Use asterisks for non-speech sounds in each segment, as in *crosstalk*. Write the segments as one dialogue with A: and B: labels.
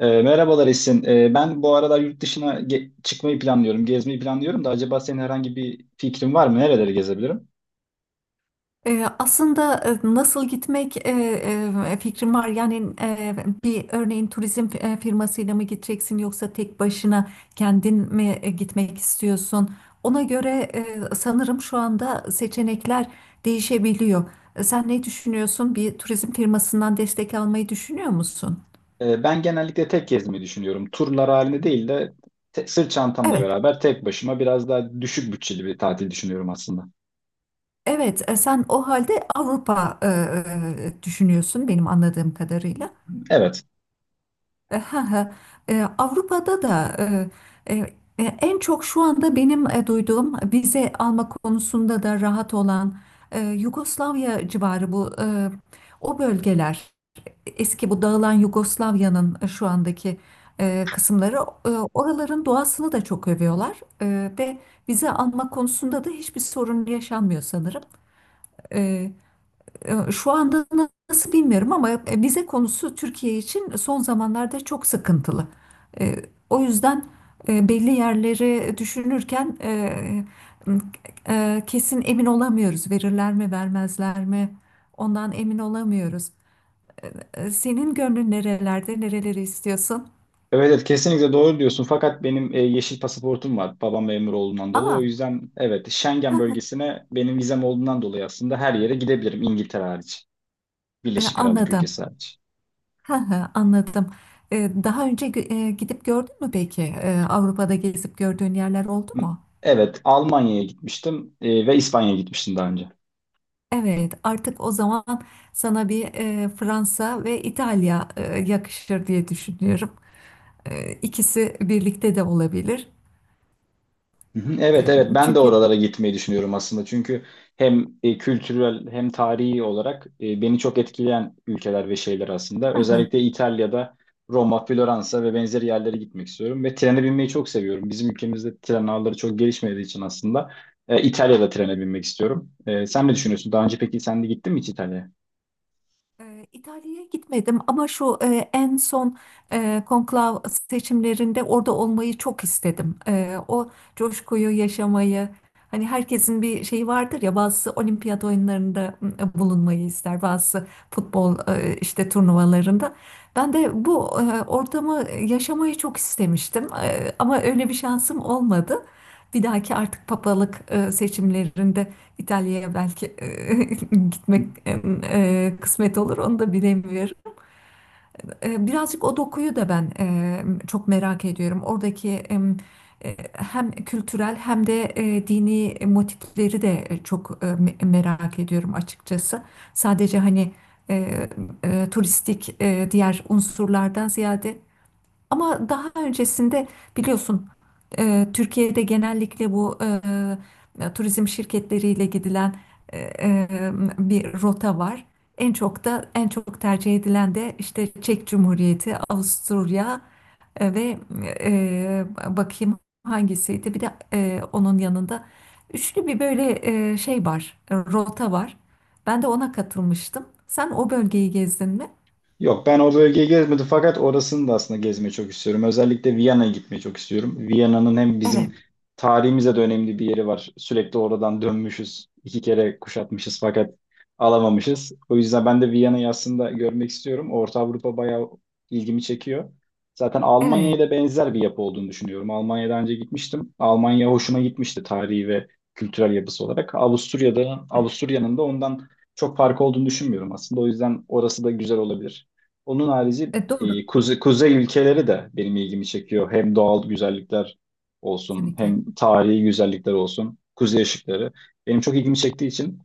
A: Merhabalar Esin. Ben bu aralar yurt dışına çıkmayı planlıyorum, gezmeyi planlıyorum da acaba senin herhangi bir fikrin var mı? Nereleri gezebilirim?
B: Aslında e, nasıl gitmek e, e, fikrim var. Yani bir örneğin firmasıyla mı gideceksin yoksa tek başına kendin mi gitmek istiyorsun? Ona göre sanırım şu anda seçenekler değişebiliyor. Sen ne düşünüyorsun? Bir turizm firmasından destek almayı düşünüyor musun?
A: Ben genellikle tek gezmeyi düşünüyorum. Turlar halinde değil de sırt çantamla
B: Evet,
A: beraber tek başıma biraz daha düşük bütçeli bir tatil düşünüyorum aslında.
B: evet. Sen o halde Avrupa düşünüyorsun benim anladığım kadarıyla.
A: Evet.
B: E, ha, ha. Avrupa'da da e, en çok şu anda benim duyduğum vize alma konusunda da rahat olan Yugoslavya civarı, o bölgeler, eski bu dağılan Yugoslavya'nın şu andaki kısımları. Oraların doğasını da çok övüyorlar ve vize alma konusunda da hiçbir sorun yaşanmıyor sanırım. Şu anda nasıl bilmiyorum ama vize konusu Türkiye için son zamanlarda çok sıkıntılı. E, O yüzden belli yerleri düşünürken ıı, kesin emin olamıyoruz. Verirler mi, vermezler mi? Ondan emin olamıyoruz. Senin gönlün nerelerde, nereleri istiyorsun?
A: Evet, evet, kesinlikle doğru diyorsun. Fakat benim yeşil pasaportum var. Babam memur olduğundan dolayı. O
B: Aa,
A: yüzden evet, Schengen
B: *laughs*
A: bölgesine benim vizem olduğundan dolayı aslında her yere gidebilirim, İngiltere hariç. Birleşik Krallık
B: anladım.
A: ülkesi hariç.
B: *laughs* Anladım. Daha önce gidip gördün mü peki? Avrupa'da gezip gördüğün yerler oldu mu?
A: Evet, Almanya'ya gitmiştim ve İspanya'ya gitmiştim daha önce.
B: Evet, artık o zaman sana bir Fransa ve İtalya yakışır diye düşünüyorum. E, ikisi birlikte de olabilir.
A: Hı hı, evet,
B: E,
A: evet, ben de
B: çünkü
A: oralara gitmeyi düşünüyorum aslında. Çünkü hem kültürel hem tarihi olarak beni çok etkileyen ülkeler ve şeyler aslında. Özellikle
B: *laughs*
A: İtalya'da Roma, Floransa ve benzeri yerlere gitmek istiyorum ve trene binmeyi çok seviyorum. Bizim ülkemizde tren ağları çok gelişmediği için aslında İtalya'da trene binmek istiyorum. E, sen ne düşünüyorsun? Daha önce peki sen de gittin mi hiç İtalya'ya?
B: İtalya'ya gitmedim ama en son konklav seçimlerinde orada olmayı çok istedim. O coşkuyu yaşamayı, hani herkesin bir şeyi vardır ya; bazısı olimpiyat oyunlarında bulunmayı ister, bazısı futbol işte turnuvalarında. Ben de bu ortamı yaşamayı çok istemiştim ama öyle bir şansım olmadı. Bir dahaki artık papalık seçimlerinde. İtalya'ya belki *laughs* gitmek kısmet olur onu da bilemiyorum. Birazcık o dokuyu da ben çok merak ediyorum. Oradaki hem kültürel hem de dini motifleri de çok merak ediyorum açıkçası. Sadece hani e, turistik diğer unsurlardan ziyade, ama daha öncesinde biliyorsun Türkiye'de genellikle bu turizm şirketleriyle gidilen e, e, bir rota var. En çok tercih edilen de işte Çek Cumhuriyeti, Avusturya ve bakayım hangisiydi? Bir de onun yanında üçlü bir böyle rota var. Ben de ona katılmıştım. Sen o bölgeyi gezdin mi?
A: Yok, ben o bölgeyi gezmedim fakat orasını da aslında gezmeyi çok istiyorum. Özellikle Viyana'ya gitmeyi çok istiyorum. Viyana'nın hem bizim
B: Evet,
A: tarihimize de önemli bir yeri var. Sürekli oradan dönmüşüz. İki kere kuşatmışız fakat alamamışız. O yüzden ben de Viyana'yı aslında görmek istiyorum. Orta Avrupa bayağı ilgimi çekiyor. Zaten
B: evet.
A: Almanya'ya da benzer bir yapı olduğunu düşünüyorum. Almanya'dan önce gitmiştim. Almanya hoşuma gitmişti tarihi ve kültürel yapısı olarak. Avusturya'da, Avusturya'nın da ondan çok farkı olduğunu düşünmüyorum aslında. O yüzden orası da güzel olabilir. Onun harici
B: E, doğru,
A: kuzey ülkeleri de benim ilgimi çekiyor. Hem doğal güzellikler olsun,
B: kesinlikle.
A: hem tarihi güzellikler olsun, kuzey ışıkları. Benim çok ilgimi çektiği için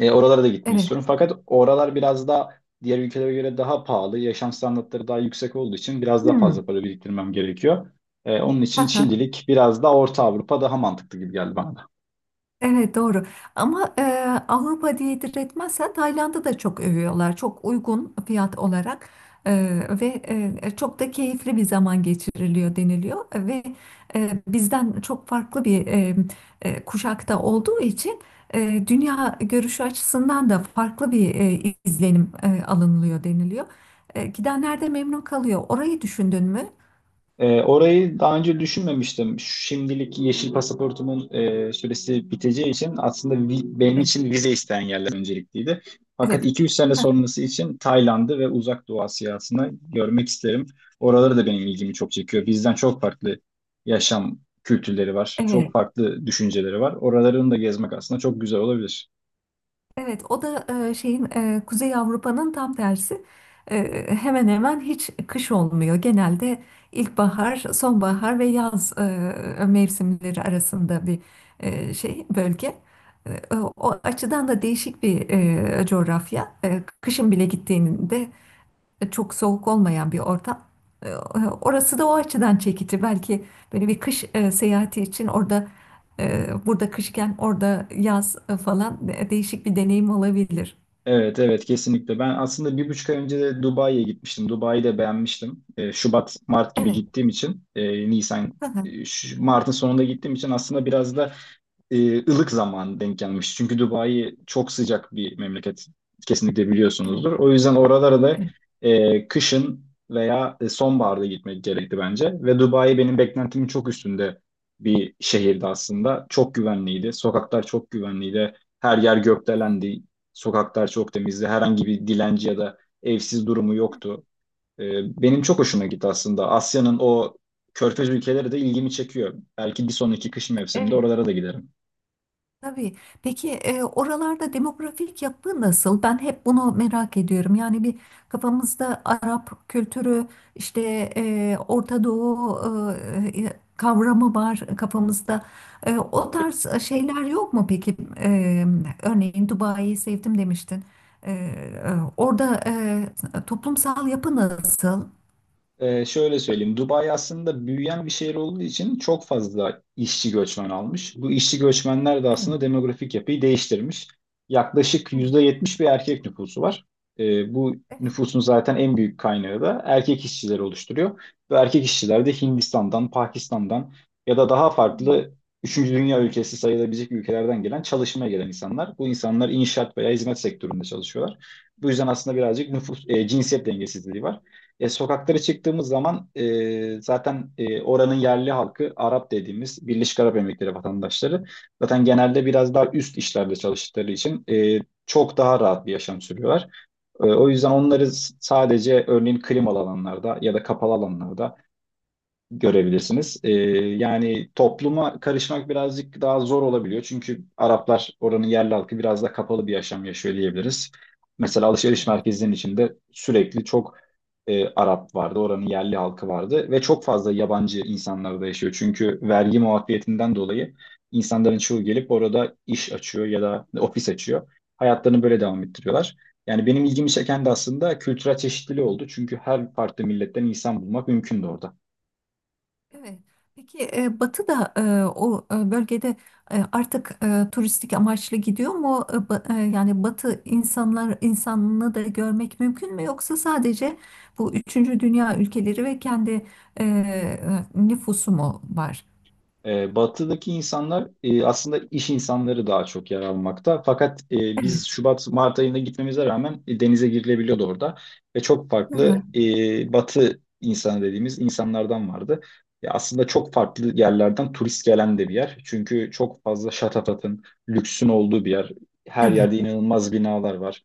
A: oralara da gitmek
B: Evet.
A: istiyorum. Fakat oralar biraz da diğer ülkelere göre daha pahalı, yaşam standartları daha yüksek olduğu için biraz daha
B: Hmm.
A: fazla para biriktirmem gerekiyor. Onun için
B: haha,
A: şimdilik biraz da Orta Avrupa daha mantıklı gibi geldi bana.
B: Evet, doğru, ama Avrupa diye diretmezsen Tayland'ı da çok övüyorlar, çok uygun fiyat olarak. E, Ve çok da keyifli bir zaman geçiriliyor deniliyor, ve bizden çok farklı bir kuşakta olduğu için dünya görüşü açısından da farklı bir izlenim alınılıyor deniliyor. Gidenler de memnun kalıyor. Orayı düşündün mü?
A: Orayı daha önce düşünmemiştim. Şimdilik yeşil pasaportumun süresi biteceği için aslında benim
B: Evet.
A: için vize isteyen yerler öncelikliydi. Fakat
B: Evet.
A: 2-3 sene
B: Heh.
A: sonrası için Tayland'ı ve Uzak Doğu Asyasını görmek isterim. Oraları da benim ilgimi çok çekiyor. Bizden çok farklı yaşam kültürleri var. Çok
B: Evet.
A: farklı düşünceleri var. Oralarını da gezmek aslında çok güzel olabilir.
B: Evet, o da Kuzey Avrupa'nın tam tersi. Hemen hemen hiç kış olmuyor. Genelde ilkbahar, sonbahar ve yaz mevsimleri arasında bir bölge. O açıdan da değişik bir coğrafya. Kışın bile gittiğinde çok soğuk olmayan bir ortam. E, Orası da o açıdan çekici. Belki böyle bir kış seyahati için orada, burada kışken orada yaz falan, değişik bir deneyim olabilir.
A: Evet, evet, kesinlikle. Ben aslında 1,5 ay önce de Dubai'ye gitmiştim. Dubai'yi de beğenmiştim. Şubat, Mart gibi
B: Evet.
A: gittiğim için Nisan,
B: Hı hı.
A: Mart'ın sonunda gittiğim için aslında biraz da ılık zaman denk gelmiş. Çünkü Dubai çok sıcak bir memleket. Kesinlikle
B: Evet.
A: biliyorsunuzdur. O yüzden oralara da
B: Evet.
A: kışın veya sonbaharda gitmek gerekti bence. Ve Dubai benim beklentimin çok üstünde bir şehirdi aslında. Çok güvenliydi. Sokaklar çok güvenliydi. Her yer gökdelendi. Sokaklar çok temizdi. Herhangi bir dilenci ya da evsiz durumu
B: Evet.
A: yoktu. E, Benim çok hoşuma gitti aslında. Asya'nın o körfez ülkeleri de ilgimi çekiyor. Belki bir sonraki kış mevsiminde
B: Evet.
A: oralara da giderim.
B: Tabii. Peki oralarda demografik yapı nasıl? Ben hep bunu merak ediyorum. Yani bir kafamızda Arap kültürü, işte Orta Doğu kavramı var kafamızda. O tarz şeyler yok mu peki? Örneğin Dubai'yi sevdim demiştin. Orada toplumsal yapı nasıl?
A: Şöyle söyleyeyim. Dubai aslında büyüyen bir şehir olduğu için çok fazla işçi göçmen almış. Bu işçi göçmenler de
B: Evet,
A: aslında demografik yapıyı değiştirmiş. Yaklaşık
B: evet,
A: %70 bir erkek nüfusu var. Bu
B: evet.
A: nüfusun zaten en büyük kaynağı da erkek işçiler oluşturuyor. Ve erkek işçiler de Hindistan'dan, Pakistan'dan ya da daha
B: Hmm.
A: farklı üçüncü dünya ülkesi sayılabilecek ülkelerden gelen, çalışmaya gelen insanlar. Bu insanlar inşaat veya hizmet sektöründe çalışıyorlar. Bu yüzden aslında birazcık nüfus, cinsiyet dengesizliği var. Sokaklara çıktığımız zaman zaten oranın yerli halkı Arap dediğimiz Birleşik Arap Emirlikleri vatandaşları zaten genelde biraz daha üst işlerde çalıştıkları için çok daha rahat bir yaşam sürüyorlar. O yüzden onları sadece örneğin klimalı alanlarda ya da kapalı alanlarda görebilirsiniz. Yani topluma karışmak birazcık daha zor olabiliyor. Çünkü Araplar, oranın yerli halkı, biraz da kapalı bir yaşam yaşıyor diyebiliriz. Mesela alışveriş merkezinin içinde sürekli çok Arap vardı, oranın yerli halkı vardı ve çok fazla yabancı insanlar da yaşıyor. Çünkü vergi muafiyetinden dolayı insanların çoğu gelip orada iş açıyor ya da ofis açıyor. Hayatlarını böyle devam ettiriyorlar. Yani benim ilgimi çeken de aslında kültürel çeşitliliği oldu. Çünkü her farklı milletten insan bulmak mümkündü orada.
B: Evet. Peki Batı da o bölgede artık turistik amaçlı gidiyor mu? Yani Batı insanını da görmek mümkün mü? Yoksa sadece bu üçüncü dünya ülkeleri ve kendi nüfusu mu var?
A: Batıdaki insanlar aslında iş insanları daha çok yer almakta. Fakat biz Şubat, Mart ayında gitmemize rağmen denize girilebiliyordu orada. Ve çok
B: Hı
A: farklı
B: hı.
A: batı insanı dediğimiz insanlardan vardı. Aslında çok farklı yerlerden turist gelen de bir yer. Çünkü çok fazla şatafatın, lüksün olduğu bir yer. Her
B: Evet,
A: yerde inanılmaz binalar var.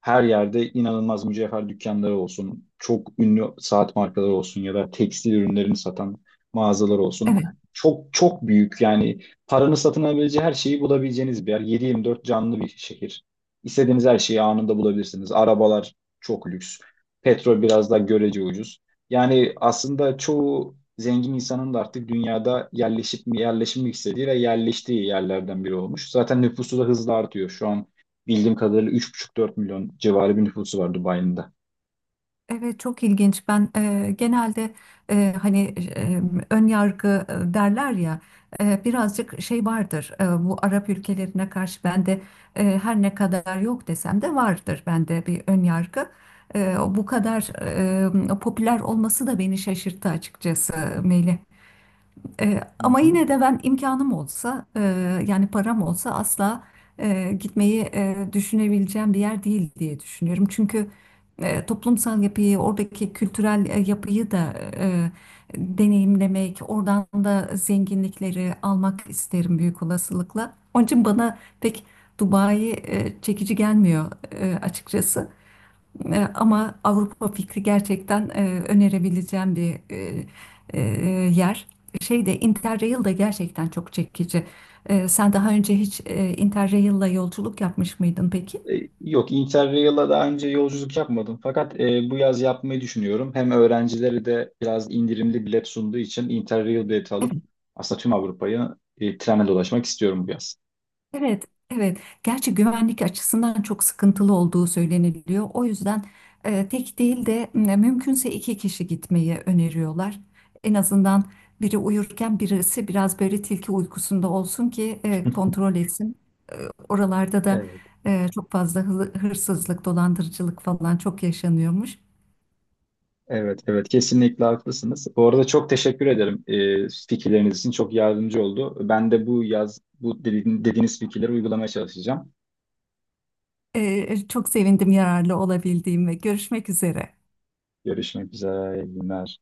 A: Her yerde inanılmaz mücevher dükkanları olsun, çok ünlü saat markaları olsun ya da tekstil ürünlerini satan mağazalar olsun,
B: evet.
A: çok çok büyük, yani paranın satın alabileceği her şeyi bulabileceğiniz bir yer. 7/24 canlı bir şehir. İstediğiniz her şeyi anında bulabilirsiniz. Arabalar çok lüks. Petrol biraz daha görece ucuz. Yani aslında çoğu zengin insanın da artık dünyada yerleşip mi yerleşmek istediği ve yerleştiği yerlerden biri olmuş. Zaten nüfusu da hızla artıyor. Şu an bildiğim kadarıyla 3,5-4 milyon civarı bir nüfusu var Dubai'nin de.
B: Evet, çok ilginç. Ben genelde hani ön yargı derler ya, birazcık şey vardır. Bu Arap ülkelerine karşı bende, her ne kadar yok desem de, vardır bende bir ön yargı. Bu kadar popüler olması da beni şaşırttı açıkçası, Melih. E,
A: Hı
B: ama
A: hı.
B: yine de ben imkanım olsa, yani param olsa, asla gitmeyi düşünebileceğim bir yer değil diye düşünüyorum. Çünkü toplumsal yapıyı, oradaki kültürel yapıyı da deneyimlemek, oradan da zenginlikleri almak isterim büyük olasılıkla. Onun için bana pek Dubai çekici gelmiyor, açıkçası. Ama Avrupa fikri gerçekten önerebileceğim bir e, yer. Şey de Interrail de gerçekten çok çekici. Sen daha önce hiç Interrail'la yolculuk yapmış mıydın peki?
A: Yok, Interrail'a daha önce yolculuk yapmadım. Fakat bu yaz yapmayı düşünüyorum. Hem öğrencileri de biraz indirimli bilet sunduğu için Interrail bileti
B: Evet,
A: alıp aslında tüm Avrupa'yı trenle dolaşmak istiyorum bu yaz.
B: evet, evet. Gerçi güvenlik açısından çok sıkıntılı olduğu söyleniliyor. O yüzden tek değil de mümkünse iki kişi gitmeyi öneriyorlar. En azından biri uyurken birisi biraz böyle tilki uykusunda olsun ki kontrol etsin. Oralarda da
A: Evet,
B: çok fazla hırsızlık, dolandırıcılık falan çok yaşanıyormuş.
A: evet, evet. Kesinlikle haklısınız. Bu arada çok teşekkür ederim fikirleriniz için. Çok yardımcı oldu. Ben de bu yaz bu dediğiniz fikirleri uygulamaya çalışacağım.
B: E, Çok sevindim yararlı olabildiğime. Görüşmek üzere.
A: Görüşmek üzere. İyi günler.